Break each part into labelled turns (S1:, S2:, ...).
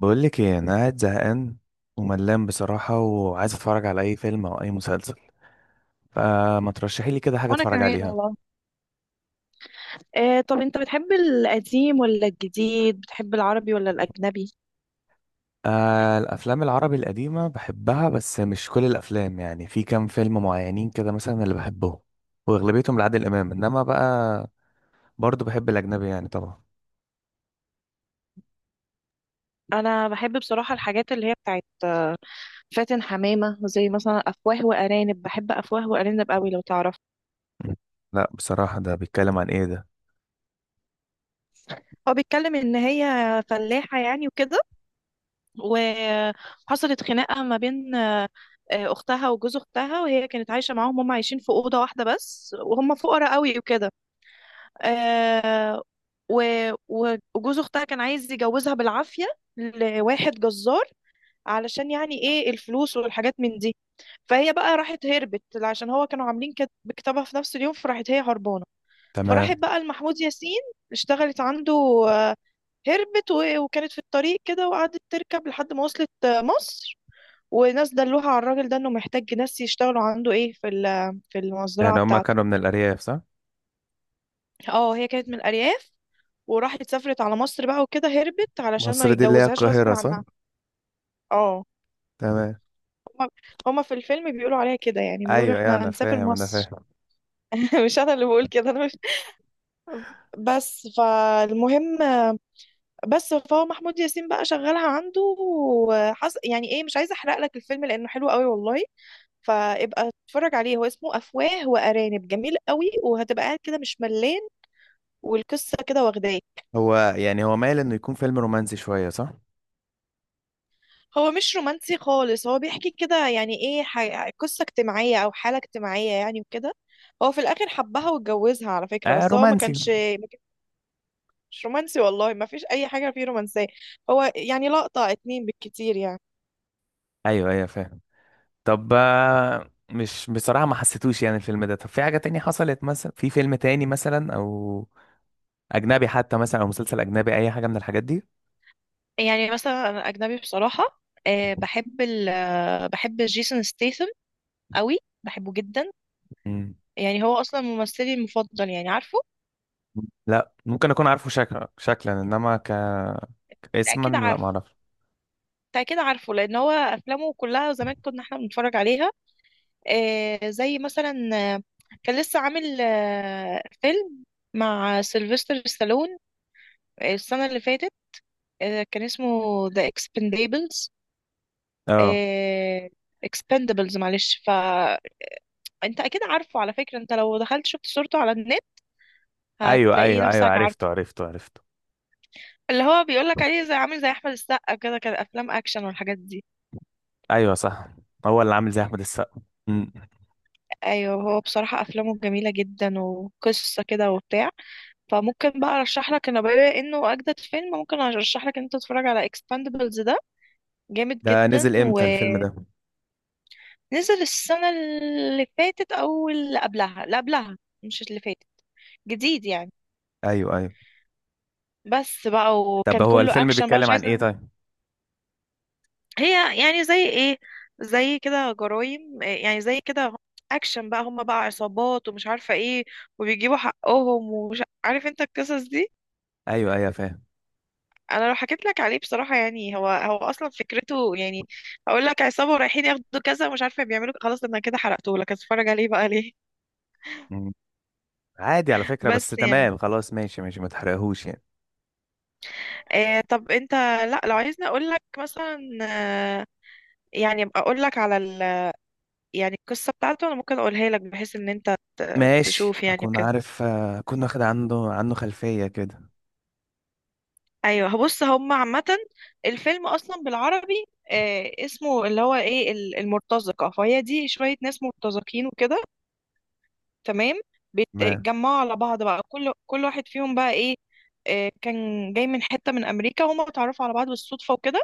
S1: بقول لك ايه، انا قاعد زهقان وملان بصراحه، وعايز اتفرج على اي فيلم او اي مسلسل، فما ترشحي لي كده حاجه
S2: وانا
S1: اتفرج
S2: كمان
S1: عليها.
S2: والله. طب انت بتحب القديم ولا الجديد، بتحب العربي ولا الأجنبي؟
S1: الافلام العربي القديمه بحبها، بس مش كل الافلام، يعني في كام فيلم معينين كده مثلا اللي بحبهم، واغلبيتهم لعادل امام، انما بقى برضو بحب الاجنبي يعني طبعا.
S2: انا بحب بصراحة الحاجات اللي هي بتاعت فاتن حمامة، زي مثلا أفواه وأرانب، بحب أفواه وأرانب قوي لو تعرف.
S1: م. لا بصراحه، ده بيتكلم عن ايه ده؟
S2: هو بيتكلم ان هي فلاحة يعني وكده، وحصلت خناقة ما بين اختها وجوز اختها، وهي كانت عايشة معاهم، هم عايشين في أوضة واحدة بس، وهم فقراء قوي وكده. آه و... وجوز اختها كان عايز يجوزها بالعافية لواحد جزار، علشان يعني ايه الفلوس والحاجات من دي. فهي بقى راحت هربت، عشان هو كانوا عاملين كتابها في نفس اليوم، فراحت هي هربانة.
S1: تمام.
S2: فراحت بقى لمحمود ياسين، اشتغلت عنده. آه، هربت وكانت في الطريق كده، وقعدت تركب لحد ما وصلت مصر. وناس دلوها على الراجل ده، انه محتاج ناس يشتغلوا عنده، ايه، في في المزرعة
S1: يعني هما
S2: بتاعته.
S1: كانوا من الارياف، صح؟
S2: اه هي كانت من الأرياف، وراحت سافرت على مصر بقى وكده، هربت علشان ما
S1: مصر دي اللي هي
S2: يتجوزهاش غصب
S1: القاهره، صح؟
S2: عنها. اه.
S1: تمام.
S2: هما هما في الفيلم بيقولوا عليها كده يعني، بيقولوا
S1: ايوه ايوه،
S2: احنا
S1: انا
S2: هنسافر
S1: فاهم انا
S2: مصر.
S1: فاهم.
S2: مش انا اللي بقول كده، انا مش، بس فالمهم. بس فهو محمود ياسين بقى شغالها عنده يعني ايه، مش عايزه احرق لك الفيلم لانه حلو قوي والله. فابقى اتفرج عليه، هو اسمه افواه وارانب، جميل قوي، وهتبقى قاعد كده مش ملان. والقصه كده واخداه.
S1: هو يعني هو مايل انه يكون فيلم رومانسي شويه، صح؟
S2: هو مش رومانسي خالص، هو بيحكي كده يعني ايه، قصة اجتماعية او حالة اجتماعية يعني وكده. هو في الاخر حبها واتجوزها على فكرة،
S1: آه
S2: بس هو ما
S1: رومانسي.
S2: كانش ما كانش رومانسي والله، ما فيش اي حاجة فيه رومانسية. هو يعني لقطة اتنين بالكتير يعني.
S1: ايوه ايوه، فاهم. طب، مش بصراحه ما حسيتوش يعني الفيلم ده، طب في حاجه تانية حصلت مثلا، في فيلم تاني مثلا او اجنبي حتى مثلا، او مسلسل اجنبي، اي حاجه من الحاجات دي.
S2: يعني مثلا انا اجنبي بصراحة، أه بحب ال آه، بحب جيسون ستيثم قوي، بحبه جدا.
S1: مم.
S2: يعني هو اصلا ممثلي المفضل يعني، عارفه.
S1: لا، ممكن اكون عارفه شكلا شكلا، انما
S2: أنت
S1: اسما
S2: اكيد
S1: لا ما
S2: عارف
S1: اعرفش.
S2: أنت اكيد عارفه، لان هو افلامه كلها زمان كنا احنا بنتفرج عليها. زي مثلا، آه، كان لسه عامل فيلم مع سيلفستر ستالون السنة اللي فاتت، كان اسمه The Expendables.
S1: اه،
S2: آه، Expendables، معلش. فأنت أكيد عارفه على فكرة، أنت لو دخلت شفت صورته على النت
S1: ايوه
S2: هتلاقي
S1: ايوه ايوه،
S2: نفسك عارفه.
S1: عرفته عرفته عرفته.
S2: اللي هو بيقولك عليه زي، عامل زي أحمد السقا كده، كان أفلام أكشن والحاجات دي.
S1: ايوه صح، هو اللي عامل زي احمد السقا. مم.
S2: ايوه، هو بصراحة افلامه جميلة جدا، وقصة كده وبتاع. فممكن بقى ارشح لك، انا بما انه اجدد فيلم، ممكن ارشح لك ان انت تتفرج على اكسباندبلز ده. جامد
S1: ده
S2: جدا،
S1: نزل امتى الفيلم
S2: ونزل
S1: ده؟
S2: السنة اللي فاتت او اللي قبلها، اللي قبلها مش اللي فاتت، جديد يعني.
S1: ايوه ايوه.
S2: بس بقى
S1: طب
S2: وكان
S1: هو
S2: كله
S1: الفيلم
S2: اكشن بقى، مش
S1: بيتكلم عن ايه
S2: عايزة.
S1: طيب؟
S2: هي يعني زي ايه، زي كده جرايم إيه يعني، زي كده اكشن بقى، هم بقى عصابات ومش عارفة ايه، وبيجيبوا حقهم ومش عارف انت، القصص دي.
S1: ايوه ايوه فاهم.
S2: انا لو حكيت لك عليه بصراحه، يعني هو اصلا فكرته يعني، هقول لك عصابه ورايحين ياخدوا كذا ومش عارفه بيعملوا خلاص انا كده حرقته لك، اتفرج عليه بقى ليه.
S1: مم. عادي على فكرة، بس
S2: بس يعني،
S1: تمام خلاص، ماشي ماشي، ما تحرقهوش يعني.
S2: طب انت، لا لو عايزني اقول لك مثلا يعني أبقى اقول لك على يعني القصه بتاعته، انا ممكن اقولها لك بحيث ان انت
S1: ماشي،
S2: تشوف يعني
S1: اكون
S2: وكده.
S1: عارف، اكون واخد عنده عنه خلفية كده.
S2: ايوه، بص، هم عامه الفيلم اصلا بالعربي اسمه اللي هو ايه، المرتزقه، فهي دي شويه ناس مرتزقين وكده. تمام.
S1: ما
S2: بيتجمعوا على بعض بقى، كل واحد فيهم بقى ايه، كان جاي من حتة من أمريكا، هما اتعرفوا على بعض بالصدفة وكده.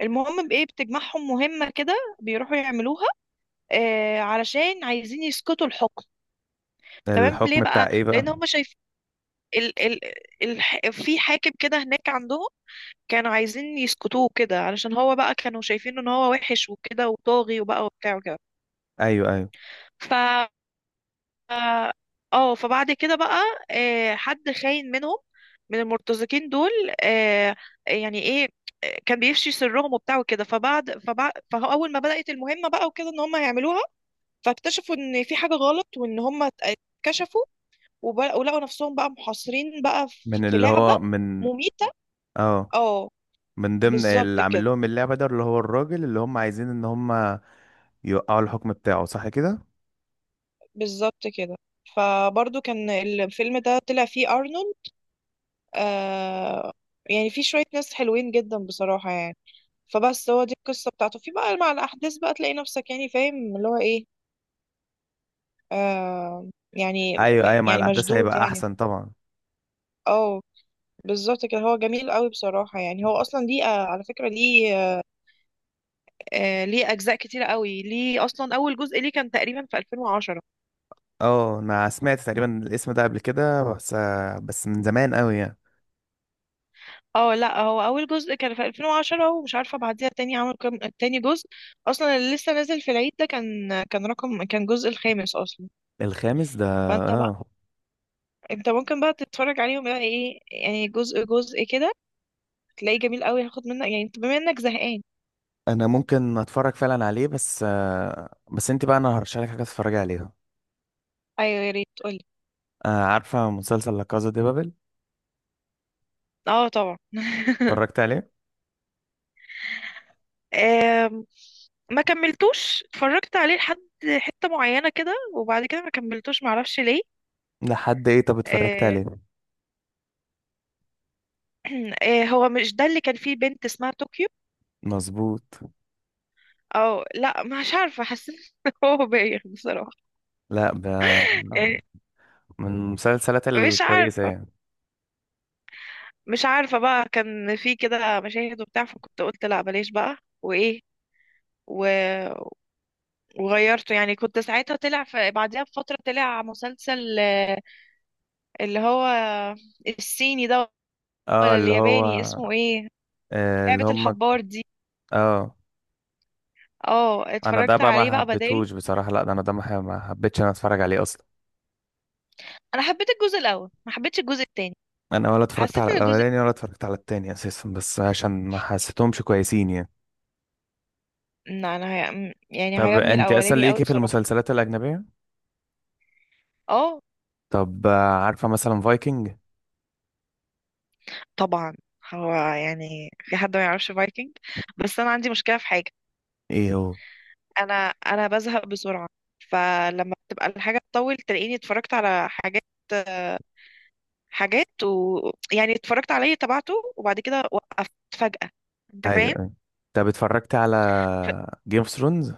S2: المهم بإيه، بتجمعهم مهمة كده بيروحوا يعملوها، علشان عايزين يسقطوا الحكم. تمام. ليه
S1: الحكم بتاع
S2: بقى؟
S1: ايه بقى؟
S2: لأن هما شايف، ال ال الح في حاكم كده هناك عندهم، كانوا عايزين يسقطوه كده، علشان هو بقى كانوا شايفين ان هو وحش وكده وطاغي وبقى وبتاع
S1: ايوه ايوه.
S2: وكده. اه. فبعد كده بقى حد خاين منهم، من المرتزقين دول، آه يعني ايه، كان بيفشي سرهم وبتاع وكده. فبعد فبعد فاول ما بدأت المهمة بقى وكده، ان هم هيعملوها، فاكتشفوا ان في حاجة غلط وان هم اتكشفوا، ولقوا نفسهم بقى محاصرين بقى في
S1: من
S2: في
S1: اللي
S2: لعبة
S1: هو من؟
S2: مميتة.
S1: اه.
S2: اه.
S1: من ضمن
S2: بالظبط
S1: اللي
S2: كده.
S1: عامل لهم اللعبة ده اللي هو الراجل اللي هم عايزين ان هم يوقعوا الحكم بتاعه، صح كده؟
S2: بالظبط كده. فبرضو كان الفيلم ده طلع فيه أرنولد، آه يعني فيه شوية ناس حلوين جدا بصراحة يعني. فبس هو دي القصة بتاعته، في بقى مع الأحداث بقى تلاقي نفسك يعني فاهم اللي هو إيه، يعني،
S1: ايوه ايوه، مع
S2: يعني
S1: الاحداث
S2: مشدود
S1: هيبقى
S2: يعني.
S1: احسن طبعا.
S2: اه بالظبط كده، هو جميل قوي بصراحة يعني، هو أصلا ليه على فكرة ليه ليه أجزاء كتيرة قوي، ليه أصلا أول جزء ليه كان تقريبا في 2010.
S1: اه، انا سمعت تقريبا الاسم ده قبل كده، بس بس من زمان قوي يعني.
S2: اه لا، هو أول جزء كان في 2010، ومش عارفة بعديها تاني عمل كام تاني جزء. أصلا اللي لسه نازل في العيد ده كان، كان رقم كان جزء الخامس أصلا.
S1: الخامس ده؟
S2: فأنت بقى،
S1: اه،
S2: أنت ممكن بقى تتفرج عليهم بقى إيه يعني، جزء جزء كده، تلاقيه جميل قوي، هاخد منك، يعني انت بما انك زهقان.
S1: انا ممكن اتفرج فعلا عليه، بس بس انت بقى، انا هرشح لك حاجه تتفرجي عليها.
S2: ايوه يا ريت قولي.
S1: عارفه مسلسل لا كازا دي بابل؟
S2: اه طبعا.
S1: اتفرجت عليه؟
S2: آم، ما كملتوش، اتفرجت عليه لحد حتة معينة كده، وبعد كده ما كملتوش معرفش ليه.
S1: لحد ايه؟ طب اتفرجت
S2: آه،
S1: عليه.
S2: هو مش ده اللي كان فيه بنت اسمها طوكيو؟
S1: مظبوط.
S2: او لا مش عارفة، حسيت إن هو بايخ بصراحة
S1: لا ده
S2: يعني.
S1: من المسلسلات
S2: مش
S1: الكويسه
S2: عارفة،
S1: يعني.
S2: بقى كان في كده مشاهد وبتاع، فكنت قلت لا بلاش بقى، وايه و... وغيرته. يعني كنت ساعتها طلع بعدها بفترة طلع مسلسل اللي هو الصيني ده
S1: اه
S2: ولا
S1: اللي
S2: الياباني
S1: هو،
S2: اسمه ايه،
S1: آه اللي
S2: لعبة
S1: هم،
S2: الحبار دي.
S1: اه
S2: اه،
S1: انا ده
S2: اتفرجت
S1: بقى
S2: عليه
S1: ما
S2: بقى بداله.
S1: حبيتهوش بصراحه، لا ده انا ده، ما حبيتش انا اتفرج عليه اصلا.
S2: انا حبيت الجزء الاول، ما حبيتش الجزء التاني.
S1: انا ولا اتفرجت
S2: حسيت
S1: على
S2: ان الجزء
S1: الاولاني، ولا اتفرجت على التاني اساسا، بس عشان ما حسيتهمش كويسين يعني.
S2: لا انا يعني
S1: طب
S2: عجبني
S1: انت اصلا
S2: الاولاني قوي
S1: ليكي في
S2: بصراحة.
S1: المسلسلات الاجنبيه.
S2: اه
S1: طب عارفه مثلا فايكنج؟
S2: طبعا. هو يعني في حد ما يعرفش فايكنج؟ بس انا عندي مشكلة في حاجة،
S1: ايه هو؟
S2: انا انا بزهق بسرعة، فلما بتبقى الحاجة تطول تلاقيني اتفرجت على حاجات، حاجات و يعني اتفرجت عليه تبعته، وبعد كده وقفت فجأة، انت
S1: ايوه
S2: فاهم.
S1: ايوه. طب اتفرجت على جيم اوف ثرونز؟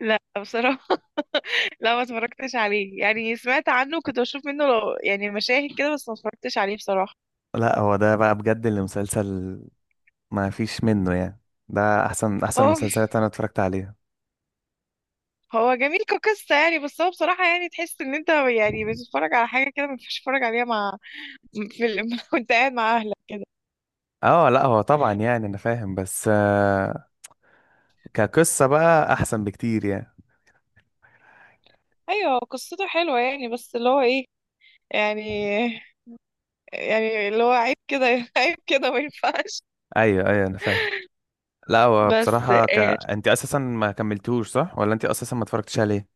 S2: لا بصراحة. لا ما اتفرجتش عليه، يعني سمعت عنه، كنت بشوف منه لو يعني مشاهد كده، بس ما اتفرجتش عليه بصراحة.
S1: لا هو ده بقى بجد اللي مسلسل ما فيش منه يعني، ده احسن احسن
S2: هو
S1: مسلسلات انا اتفرجت عليها.
S2: هو جميل كقصة يعني، بس هو بصراحة يعني تحس ان انت يعني بتتفرج على حاجة كده ما ينفعش تتفرج عليها، مع، في وانت قاعد مع اهلك كده.
S1: اه لا هو طبعا يعني انا فاهم، بس كقصه بقى احسن بكتير يعني.
S2: ايوه هو قصته حلوة يعني، بس اللي هو ايه، يعني اللي هو عيب كده، عيب كده ما ينفعش.
S1: ايوه ايوه انا فاهم. لا هو
S2: بس
S1: بصراحه انت اساسا ما كملتوش، صح؟ ولا انت اساسا ما اتفرجتش عليه؟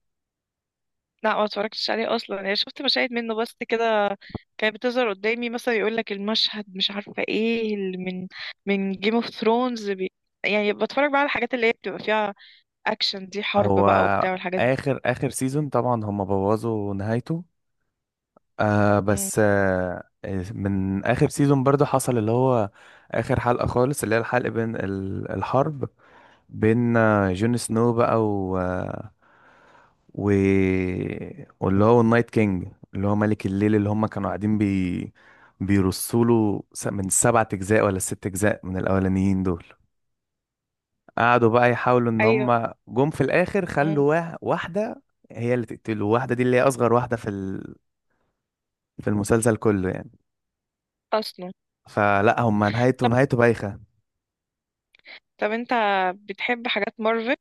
S2: لا ما اتفرجتش عليه اصلا، يعني شفت مشاهد منه بس كده، كانت بتظهر قدامي مثلا يقول لك المشهد مش عارفه ايه اللي من جيم اوف ثرونز يعني بتفرج بقى على الحاجات اللي هي بتبقى فيها اكشن دي، حرب
S1: هو
S2: بقى وبتاع والحاجات دي.
S1: اخر اخر سيزون طبعا هم بوظوا نهايته. آه
S2: مم.
S1: بس آه من اخر سيزون برضو حصل اللي هو اخر حلقة خالص، اللي هي الحلقة بين الحرب بين جون سنو بقى و آه، و واللي هو النايت كينج، اللي هو ملك الليل، اللي هم كانوا قاعدين بيرصوا له من سبعة اجزاء ولا ست اجزاء من الاولانيين دول. قعدوا بقى يحاولوا ان
S2: ايوه.
S1: هم جم في الاخر،
S2: مم.
S1: خلوا واحده هي اللي تقتله، واحده دي اللي هي اصغر واحده في في المسلسل كله يعني.
S2: اصلا.
S1: فلا هم نهايته
S2: طب،
S1: نهايته بايخه.
S2: انت بتحب حاجات مارفل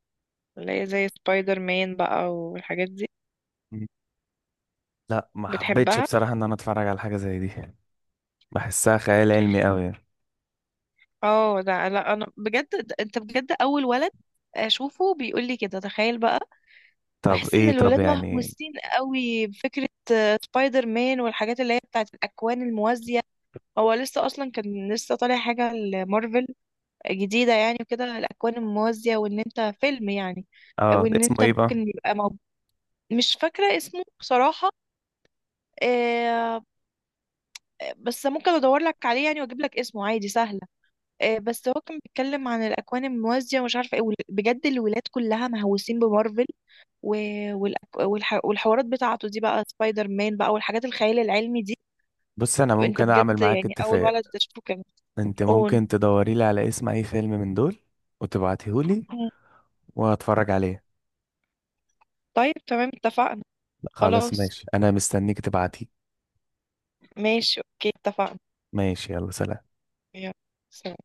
S2: اللي هي زي سبايدر مان بقى والحاجات دي؟
S1: مم. لا ما حبيتش
S2: بتحبها.
S1: بصراحه ان انا اتفرج على حاجه زي دي، بحسها خيال علمي قوي يعني.
S2: اه ده، لا انا بجد انت بجد اول ولد اشوفه بيقول لي كده، تخيل بقى.
S1: طب
S2: بحس ان
S1: ايه؟ طب
S2: الولاد
S1: يعني
S2: مهووسين قوي بفكرة سبايدر مان والحاجات اللي هي بتاعت الاكوان الموازية. هو لسه اصلا كان لسه طالع حاجه لمارفل جديده يعني وكده، الاكوان الموازيه وان انت فيلم يعني،
S1: اه ده
S2: وان
S1: اسمه
S2: انت
S1: ايه بقى؟
S2: ممكن يبقى موجود. مش فاكره اسمه بصراحه، آه، بس ممكن ادور لك عليه يعني واجيب لك اسمه عادي، سهله. بس هو كان بيتكلم عن الاكوان الموازيه ومش عارفه ايه بجد الولاد كلها مهووسين بمارفل و- والحوارات بتاعته دي بقى، سبايدر مان بقى والحاجات الخيال العلمي دي.
S1: بص، انا
S2: انت
S1: ممكن اعمل
S2: بجد
S1: معاك
S2: يعني اول
S1: اتفاق.
S2: ولد تشوفه كده.
S1: انت
S2: قول.
S1: ممكن تدوري لي على اسم اي فيلم من دول وتبعتيه لي،
S2: مم.
S1: وهتفرج عليه.
S2: طيب تمام، اتفقنا.
S1: خلاص
S2: خلاص
S1: ماشي، انا مستنيك تبعتيه.
S2: ماشي، اوكي اتفقنا.
S1: ماشي، يلا سلام.
S2: يلا سلام.